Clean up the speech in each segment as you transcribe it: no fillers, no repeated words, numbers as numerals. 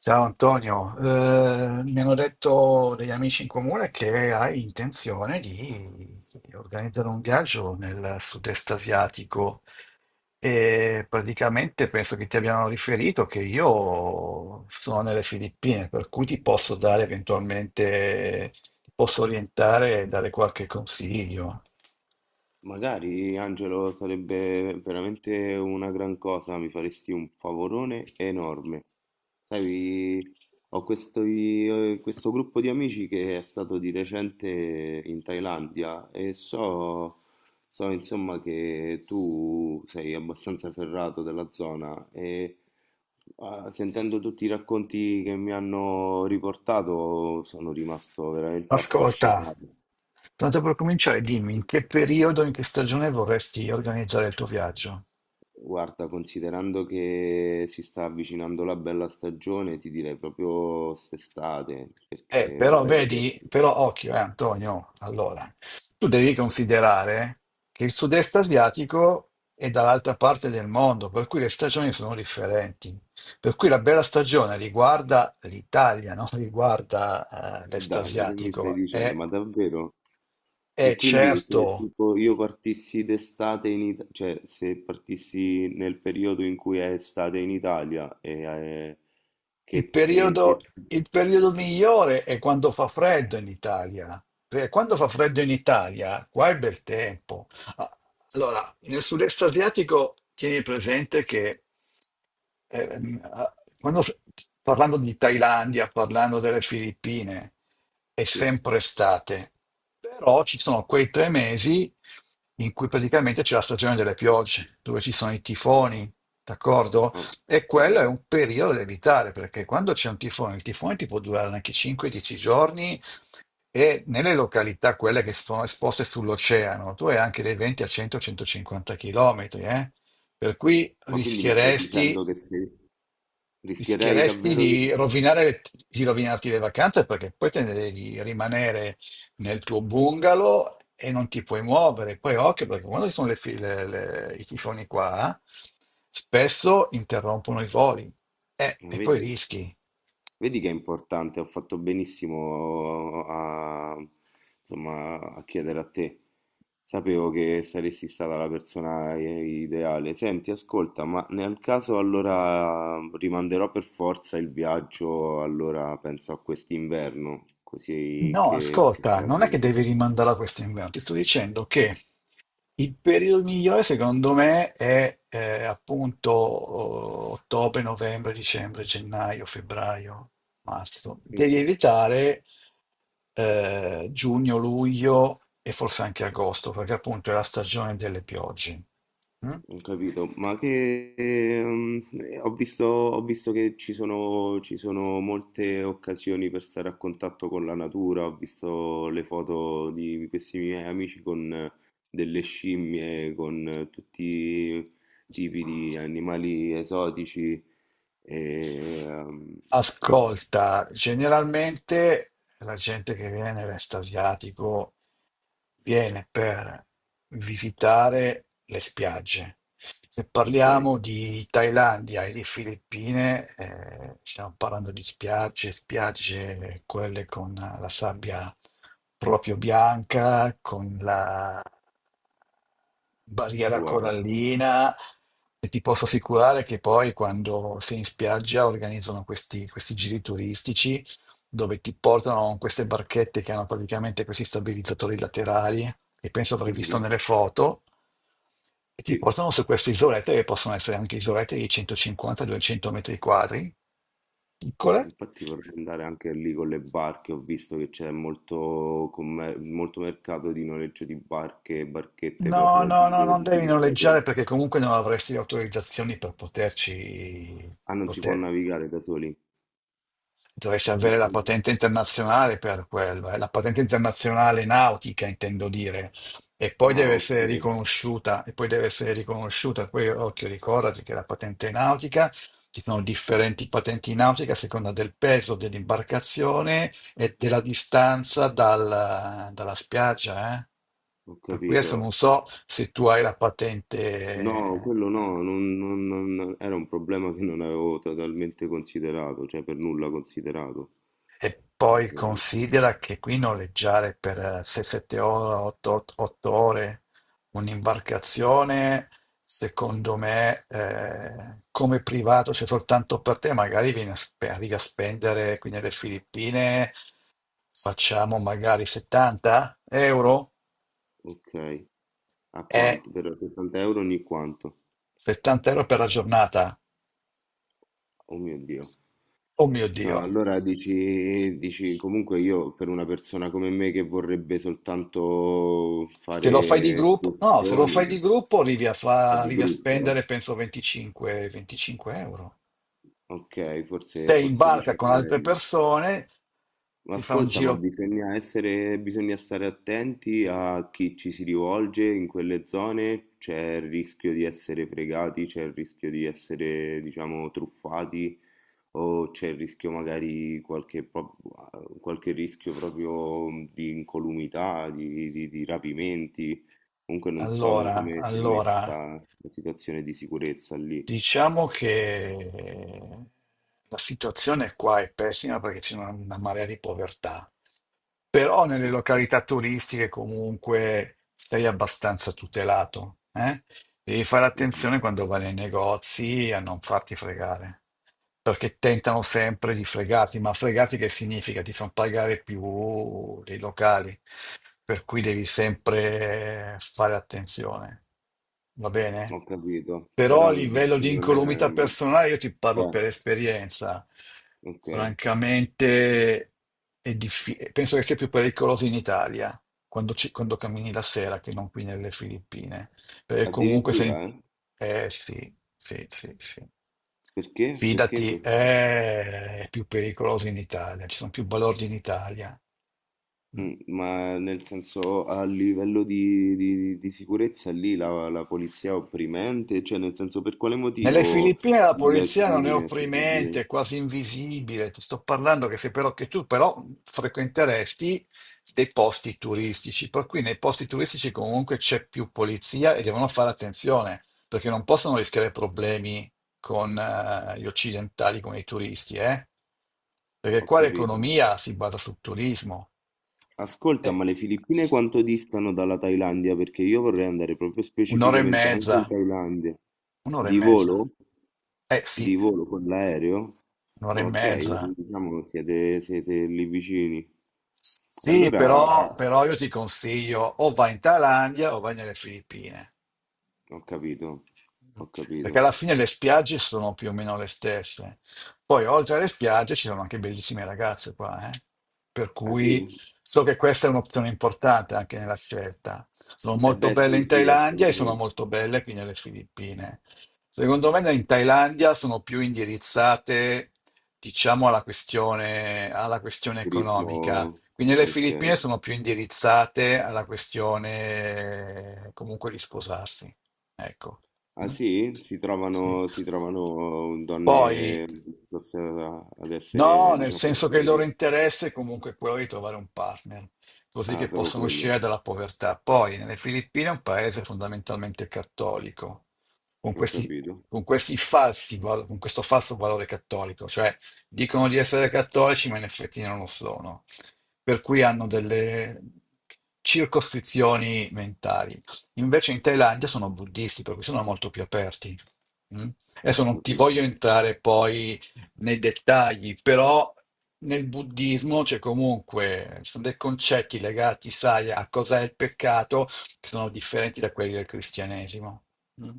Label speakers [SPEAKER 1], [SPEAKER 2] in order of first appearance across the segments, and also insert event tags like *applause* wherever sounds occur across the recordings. [SPEAKER 1] Ciao Antonio, mi hanno detto degli amici in comune che hai intenzione di organizzare un viaggio nel sud-est asiatico e praticamente penso che ti abbiano riferito che io sono nelle Filippine, per cui ti posso dare eventualmente, ti posso orientare e dare qualche consiglio.
[SPEAKER 2] Magari, Angelo, sarebbe veramente una gran cosa, mi faresti un favorone enorme. Sai, ho questo, questo gruppo di amici che è stato di recente in Thailandia e so, insomma che tu sei abbastanza ferrato della zona e sentendo tutti i racconti che mi hanno riportato sono rimasto veramente
[SPEAKER 1] Ascolta,
[SPEAKER 2] affascinato.
[SPEAKER 1] tanto per cominciare, dimmi in che periodo, in che stagione vorresti organizzare il tuo viaggio?
[SPEAKER 2] Guarda, considerando che si sta avvicinando la bella stagione, ti direi proprio quest'estate, perché
[SPEAKER 1] Però
[SPEAKER 2] vorrei
[SPEAKER 1] vedi,
[SPEAKER 2] vederli.
[SPEAKER 1] però occhio, Antonio, allora, tu devi considerare che il sud-est asiatico è dall'altra parte del mondo, per cui le stagioni sono differenti. Per cui la bella stagione riguarda l'Italia, non *laughs* riguarda,
[SPEAKER 2] Ma
[SPEAKER 1] l'est
[SPEAKER 2] dai, ma che mi stai
[SPEAKER 1] asiatico.
[SPEAKER 2] dicendo?
[SPEAKER 1] E,
[SPEAKER 2] Ma davvero?
[SPEAKER 1] e
[SPEAKER 2] E quindi
[SPEAKER 1] certo.
[SPEAKER 2] se tipo io partissi d'estate in Italia, cioè se partissi nel periodo in cui è estate in Italia,
[SPEAKER 1] Il
[SPEAKER 2] che, che,
[SPEAKER 1] periodo,
[SPEAKER 2] che-
[SPEAKER 1] il periodo migliore è quando fa freddo in Italia, perché quando fa freddo in Italia, qua è bel tempo. Ah, allora, nel sud-est asiatico tieni presente che ehm, ah, quando s- parlando di Thailandia, parlando delle Filippine, è
[SPEAKER 2] Sì,
[SPEAKER 1] sempre estate, però ci sono quei tre mesi in cui praticamente c'è la stagione delle piogge, dove ci sono i tifoni, d'accordo? E quello è
[SPEAKER 2] ok.
[SPEAKER 1] un periodo da evitare, perché quando c'è un tifone, il tifone ti può durare anche 5-10 giorni e nelle località, quelle che sono esposte sull'oceano, tu hai anche dei venti a 100-150 km. Per cui
[SPEAKER 2] Ma quindi mi stai
[SPEAKER 1] rischieresti
[SPEAKER 2] dicendo che se rischierei
[SPEAKER 1] Rischieresti
[SPEAKER 2] davvero...
[SPEAKER 1] di rovinare le- di rovinarti le vacanze perché poi te ne devi rimanere nel tuo bungalow e non ti puoi muovere. Poi occhio, perché quando ci sono le fi- le- i tifoni qua, spesso interrompono i voli.
[SPEAKER 2] Ah,
[SPEAKER 1] E poi
[SPEAKER 2] vedi?
[SPEAKER 1] rischi.
[SPEAKER 2] Vedi che è importante, ho fatto benissimo a, insomma, a chiedere a te. Sapevo che saresti stata la persona ideale. Senti, ascolta, ma nel caso allora rimanderò per forza il viaggio, allora penso a quest'inverno, così
[SPEAKER 1] No,
[SPEAKER 2] che
[SPEAKER 1] ascolta,
[SPEAKER 2] possa
[SPEAKER 1] non è che
[SPEAKER 2] arrivare.
[SPEAKER 1] devi rimandare a questo inverno, ti sto dicendo che il periodo migliore secondo me è appunto ottobre, novembre, dicembre, gennaio, febbraio, marzo. Devi
[SPEAKER 2] Ok.
[SPEAKER 1] evitare giugno, luglio e forse anche agosto, perché appunto è la stagione delle piogge. Mm?
[SPEAKER 2] Ho capito, ma che ho visto che ci sono molte occasioni per stare a contatto con la natura, ho visto le foto di questi miei amici con delle scimmie, con tutti i tipi di animali esotici. E, ehm,
[SPEAKER 1] Ascolta, generalmente la gente che viene nell'est asiatico viene per visitare le spiagge. Se
[SPEAKER 2] ok,
[SPEAKER 1] parliamo di Thailandia e di Filippine, stiamo parlando di spiagge, spiagge quelle con la sabbia proprio bianca, con la barriera
[SPEAKER 2] wow.
[SPEAKER 1] corallina, e ti posso assicurare che poi quando sei in spiaggia organizzano questi giri turistici dove ti portano con queste barchette che hanno praticamente questi stabilizzatori laterali che penso avrai visto
[SPEAKER 2] Mhm,
[SPEAKER 1] nelle foto, e ti
[SPEAKER 2] sì.
[SPEAKER 1] portano su queste isolette che possono essere anche isolette di 150-200 metri quadri, piccole.
[SPEAKER 2] Infatti vorrei andare anche lì con le barche, ho visto che c'è molto mercato di noleggio di barche e barchette per
[SPEAKER 1] No, no, no,
[SPEAKER 2] raggiungere
[SPEAKER 1] non
[SPEAKER 2] tutti
[SPEAKER 1] devi
[SPEAKER 2] questi
[SPEAKER 1] noleggiare
[SPEAKER 2] atolli.
[SPEAKER 1] perché comunque non avresti le autorizzazioni per poterci,
[SPEAKER 2] Ah,
[SPEAKER 1] per
[SPEAKER 2] non si può
[SPEAKER 1] poter-
[SPEAKER 2] navigare da soli?
[SPEAKER 1] Dovresti avere la patente internazionale per quello, la patente internazionale nautica, intendo dire. E poi deve
[SPEAKER 2] Ah, ok,
[SPEAKER 1] essere riconosciuta, e poi deve essere riconosciuta. Poi, occhio, ricordati che la patente nautica, ci sono differenti patenti nautiche a seconda del peso dell'imbarcazione e della distanza dalla spiaggia, eh.
[SPEAKER 2] ho
[SPEAKER 1] Per cui
[SPEAKER 2] capito.
[SPEAKER 1] adesso non so se tu hai la
[SPEAKER 2] No,
[SPEAKER 1] patente.
[SPEAKER 2] quello no, era un problema che non avevo totalmente considerato, cioè per nulla considerato.
[SPEAKER 1] E poi
[SPEAKER 2] Eh,
[SPEAKER 1] considera che qui noleggiare per 6-7 ore, 8 ore un'imbarcazione, secondo me, come privato, c'è soltanto per te, magari arrivi a spendere qui nelle Filippine, facciamo magari 70 euro,
[SPEAKER 2] ok, a
[SPEAKER 1] e
[SPEAKER 2] quanto? Per 60 euro ogni quanto?
[SPEAKER 1] 70 euro per la giornata.
[SPEAKER 2] Oh mio Dio.
[SPEAKER 1] Oh mio
[SPEAKER 2] No,
[SPEAKER 1] Dio!
[SPEAKER 2] allora dici, dici comunque io per una persona come me che vorrebbe soltanto
[SPEAKER 1] Se lo fai di
[SPEAKER 2] fare
[SPEAKER 1] gruppo,
[SPEAKER 2] escursioni,
[SPEAKER 1] arrivi a, fa-
[SPEAKER 2] di
[SPEAKER 1] arrivi a
[SPEAKER 2] gruppo, eh?
[SPEAKER 1] spendere penso 25 euro.
[SPEAKER 2] Ok,
[SPEAKER 1] Sei in
[SPEAKER 2] forse dici
[SPEAKER 1] barca
[SPEAKER 2] è
[SPEAKER 1] con altre
[SPEAKER 2] meglio.
[SPEAKER 1] persone,
[SPEAKER 2] Ma
[SPEAKER 1] si fa un
[SPEAKER 2] ascolta, ma
[SPEAKER 1] giro.
[SPEAKER 2] bisogna stare attenti a chi ci si rivolge in quelle zone, c'è il rischio di essere fregati, c'è il rischio di essere, diciamo, truffati o c'è il rischio magari qualche rischio proprio di incolumità, di rapimenti. Comunque non so
[SPEAKER 1] Allora,
[SPEAKER 2] come sia
[SPEAKER 1] allora.
[SPEAKER 2] messa la situazione di sicurezza lì.
[SPEAKER 1] Diciamo che la situazione qua è pessima perché c'è una marea di povertà, però nelle
[SPEAKER 2] Ok,
[SPEAKER 1] località turistiche comunque sei abbastanza tutelato, eh? Devi fare
[SPEAKER 2] mhm.
[SPEAKER 1] attenzione quando vai nei negozi a non farti fregare, perché tentano sempre di fregarti, ma fregarti che significa? Ti fanno pagare più dei locali, per cui devi sempre fare attenzione, va bene?
[SPEAKER 2] Ho capito,
[SPEAKER 1] Però a
[SPEAKER 2] però dici
[SPEAKER 1] livello
[SPEAKER 2] che
[SPEAKER 1] di
[SPEAKER 2] non
[SPEAKER 1] incolumità
[SPEAKER 2] è...
[SPEAKER 1] personale, io ti parlo
[SPEAKER 2] Eh,
[SPEAKER 1] per esperienza,
[SPEAKER 2] ok.
[SPEAKER 1] francamente penso che sia più pericoloso in Italia quando cammini la sera che non qui nelle Filippine, perché comunque sei...
[SPEAKER 2] Addirittura? Eh?
[SPEAKER 1] Eh sì, sì, sì, sì.
[SPEAKER 2] Perché? Perché?
[SPEAKER 1] Fidati,
[SPEAKER 2] que-
[SPEAKER 1] è più pericoloso in Italia, ci sono più balordi in Italia. Mm.
[SPEAKER 2] Mm, ma nel senso a livello di, di sicurezza lì la, la polizia è opprimente, cioè nel senso per quale
[SPEAKER 1] Nelle
[SPEAKER 2] motivo
[SPEAKER 1] Filippine la
[SPEAKER 2] il
[SPEAKER 1] polizia non è
[SPEAKER 2] crimine è
[SPEAKER 1] opprimente,
[SPEAKER 2] così-
[SPEAKER 1] è quasi invisibile. Ti sto parlando che, se però, che tu però frequenteresti dei posti turistici, per cui nei posti turistici comunque c'è più polizia e devono fare attenzione, perché non possono rischiare problemi con gli occidentali, con i turisti, eh? Perché
[SPEAKER 2] Ho
[SPEAKER 1] qua
[SPEAKER 2] capito.
[SPEAKER 1] l'economia si basa sul turismo.
[SPEAKER 2] Ascolta,
[SPEAKER 1] Eh,
[SPEAKER 2] ma le Filippine quanto distano dalla Thailandia? Perché io vorrei andare proprio
[SPEAKER 1] Un'ora e
[SPEAKER 2] specificamente anche in
[SPEAKER 1] mezza,
[SPEAKER 2] Thailandia.
[SPEAKER 1] un'ora e
[SPEAKER 2] Di
[SPEAKER 1] mezza.
[SPEAKER 2] volo?
[SPEAKER 1] Eh
[SPEAKER 2] Di
[SPEAKER 1] sì,
[SPEAKER 2] volo con l'aereo?
[SPEAKER 1] un'ora e
[SPEAKER 2] Ah, ok,
[SPEAKER 1] mezza.
[SPEAKER 2] diciamo che siete lì vicini. E
[SPEAKER 1] Sì,
[SPEAKER 2] allora...
[SPEAKER 1] però io ti consiglio o vai in Thailandia o vai nelle Filippine,
[SPEAKER 2] Ho capito, ho capito.
[SPEAKER 1] perché alla fine le spiagge sono più o meno le stesse. Poi oltre alle spiagge ci sono anche bellissime ragazze qua, eh. Per
[SPEAKER 2] Ah
[SPEAKER 1] cui
[SPEAKER 2] sì?
[SPEAKER 1] so che questa è un'opzione importante anche nella scelta. Sono
[SPEAKER 2] Eh
[SPEAKER 1] molto
[SPEAKER 2] beh
[SPEAKER 1] belle
[SPEAKER 2] sì,
[SPEAKER 1] in
[SPEAKER 2] sì,
[SPEAKER 1] Thailandia e sono
[SPEAKER 2] assolutamente.
[SPEAKER 1] molto belle qui nelle Filippine. Secondo me in Thailandia sono più indirizzate, diciamo, alla questione
[SPEAKER 2] Turismo,
[SPEAKER 1] economica, quindi le
[SPEAKER 2] ok.
[SPEAKER 1] Filippine sono più indirizzate alla questione comunque di sposarsi. Ecco.
[SPEAKER 2] Ah
[SPEAKER 1] Mm?
[SPEAKER 2] sì?
[SPEAKER 1] Sì.
[SPEAKER 2] Si trovano
[SPEAKER 1] Poi
[SPEAKER 2] donne disposte ad
[SPEAKER 1] no,
[SPEAKER 2] essere,
[SPEAKER 1] nel
[SPEAKER 2] diciamo,
[SPEAKER 1] senso che il loro
[SPEAKER 2] serie.
[SPEAKER 1] interesse è comunque quello di trovare un partner, così
[SPEAKER 2] Ah,
[SPEAKER 1] che
[SPEAKER 2] solo
[SPEAKER 1] possano
[SPEAKER 2] quello.
[SPEAKER 1] uscire dalla povertà. Poi, nelle Filippine è un paese fondamentalmente cattolico, con
[SPEAKER 2] Ho
[SPEAKER 1] questi,
[SPEAKER 2] capito,
[SPEAKER 1] con questo falso valore cattolico, cioè dicono di essere cattolici, ma in effetti non lo sono. Per cui hanno delle circoscrizioni mentali. Invece in Thailandia sono buddisti, per cui sono molto più aperti. Mm?
[SPEAKER 2] ho
[SPEAKER 1] Adesso non ti voglio
[SPEAKER 2] capito.
[SPEAKER 1] entrare poi nei dettagli, però nel buddismo ci sono dei concetti legati, sai, a cos'è il peccato, che sono differenti da quelli del cristianesimo. Mm.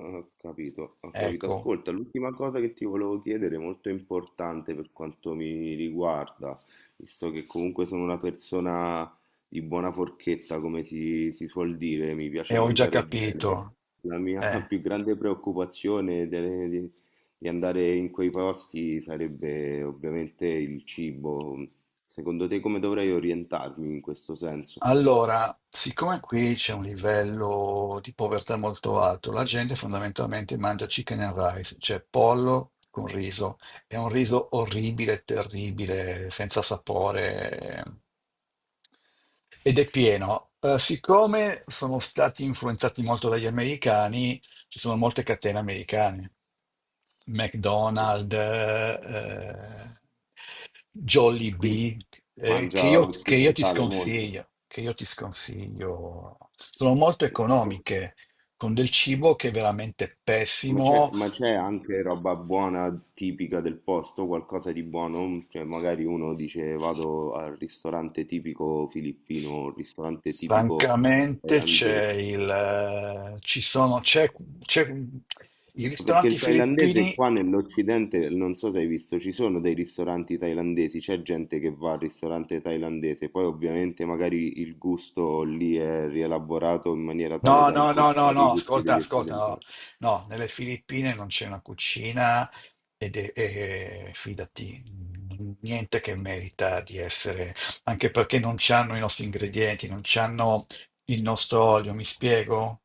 [SPEAKER 2] Ho capito.
[SPEAKER 1] Ecco,
[SPEAKER 2] Ascolta, l'ultima cosa che ti volevo chiedere, molto importante per quanto mi riguarda, visto che comunque sono una persona di buona forchetta, come si suol dire, mi piace
[SPEAKER 1] e ho già
[SPEAKER 2] mangiare bene.
[SPEAKER 1] capito.
[SPEAKER 2] La mia *laughs*
[SPEAKER 1] Eh.
[SPEAKER 2] più grande preoccupazione di andare in quei posti sarebbe ovviamente il cibo. Secondo te come dovrei orientarmi in questo senso?
[SPEAKER 1] Allora, siccome qui c'è un livello di povertà molto alto, la gente fondamentalmente mangia chicken and rice, cioè pollo con riso. È un riso orribile, terribile, senza sapore, ed è pieno. Siccome sono stati influenzati molto dagli americani, ci sono molte catene americane.
[SPEAKER 2] Ho
[SPEAKER 1] McDonald's,
[SPEAKER 2] capito. Quindi
[SPEAKER 1] Jollibee,
[SPEAKER 2] mangia
[SPEAKER 1] che io ti
[SPEAKER 2] occidentale molto.
[SPEAKER 1] sconsiglio, che io ti sconsiglio. Sono molto
[SPEAKER 2] Eh,
[SPEAKER 1] economiche, con del cibo che è veramente
[SPEAKER 2] Ma
[SPEAKER 1] pessimo.
[SPEAKER 2] c'è anche roba buona, tipica del posto, qualcosa di buono? Cioè, magari uno dice vado al ristorante tipico filippino, ristorante tipico
[SPEAKER 1] Francamente, c'è
[SPEAKER 2] thailandese.
[SPEAKER 1] il, ci sono, c'è- i
[SPEAKER 2] Ma perché il
[SPEAKER 1] ristoranti
[SPEAKER 2] thailandese
[SPEAKER 1] filippini...
[SPEAKER 2] qua nell'Occidente, non so se hai visto, ci sono dei ristoranti thailandesi, c'è gente che va al ristorante thailandese, poi ovviamente magari il gusto lì è rielaborato in maniera tale
[SPEAKER 1] No,
[SPEAKER 2] da
[SPEAKER 1] no, no, no,
[SPEAKER 2] incontrare i
[SPEAKER 1] no,
[SPEAKER 2] gusti
[SPEAKER 1] ascolta,
[SPEAKER 2] degli
[SPEAKER 1] ascolta, no,
[SPEAKER 2] occidentali.
[SPEAKER 1] no, nelle Filippine non c'è una cucina, fidati, niente che merita di essere, anche perché non c'hanno i nostri ingredienti, non c'hanno il nostro olio, mi spiego?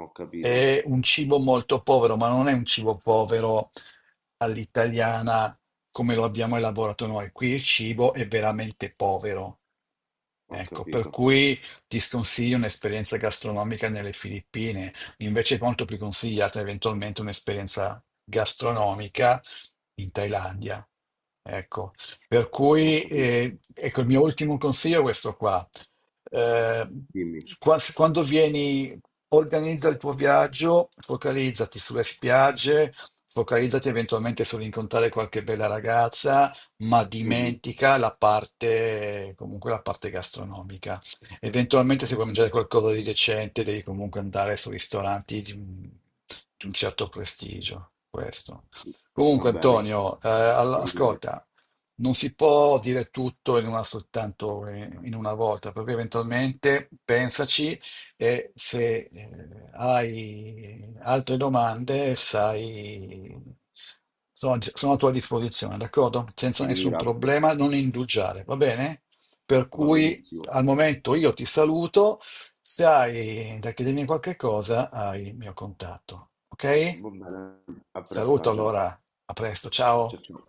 [SPEAKER 2] Ho capito,
[SPEAKER 1] È un cibo molto povero, ma non è un cibo povero all'italiana come lo abbiamo elaborato noi. Qui il cibo è veramente povero.
[SPEAKER 2] ho
[SPEAKER 1] Ecco, per
[SPEAKER 2] capito,
[SPEAKER 1] cui ti sconsiglio un'esperienza gastronomica nelle Filippine, invece è molto più consigliata eventualmente un'esperienza gastronomica in Thailandia. Ecco, per
[SPEAKER 2] ho
[SPEAKER 1] cui
[SPEAKER 2] capito.
[SPEAKER 1] ecco, il mio ultimo consiglio è questo qua. Eh,
[SPEAKER 2] Dimmi.
[SPEAKER 1] Quando vieni, organizza il tuo viaggio, focalizzati sulle spiagge, focalizzati eventualmente sull'incontrare qualche bella ragazza, ma
[SPEAKER 2] Mhm.
[SPEAKER 1] dimentica la parte, comunque la parte gastronomica. Eventualmente, se vuoi mangiare qualcosa di decente, devi comunque andare su ristoranti di un, certo prestigio. Questo.
[SPEAKER 2] Va
[SPEAKER 1] Comunque,
[SPEAKER 2] bene,
[SPEAKER 1] Antonio,
[SPEAKER 2] ti ringrazio,
[SPEAKER 1] ascolta, non si può dire tutto in una soltanto, in una volta, perché eventualmente pensaci, e se hai altre domande, sai, sono a tua disposizione, d'accordo?
[SPEAKER 2] ti
[SPEAKER 1] Senza nessun
[SPEAKER 2] ringrazio.
[SPEAKER 1] problema, non indugiare, va bene? Per
[SPEAKER 2] Va
[SPEAKER 1] cui
[SPEAKER 2] benissimo.
[SPEAKER 1] al momento io ti saluto, se hai da chiedermi qualche cosa, hai il mio contatto, ok?
[SPEAKER 2] Va bene, a presto
[SPEAKER 1] Saluto
[SPEAKER 2] Angelo.
[SPEAKER 1] allora, a presto, ciao.
[SPEAKER 2] Ciao ciao.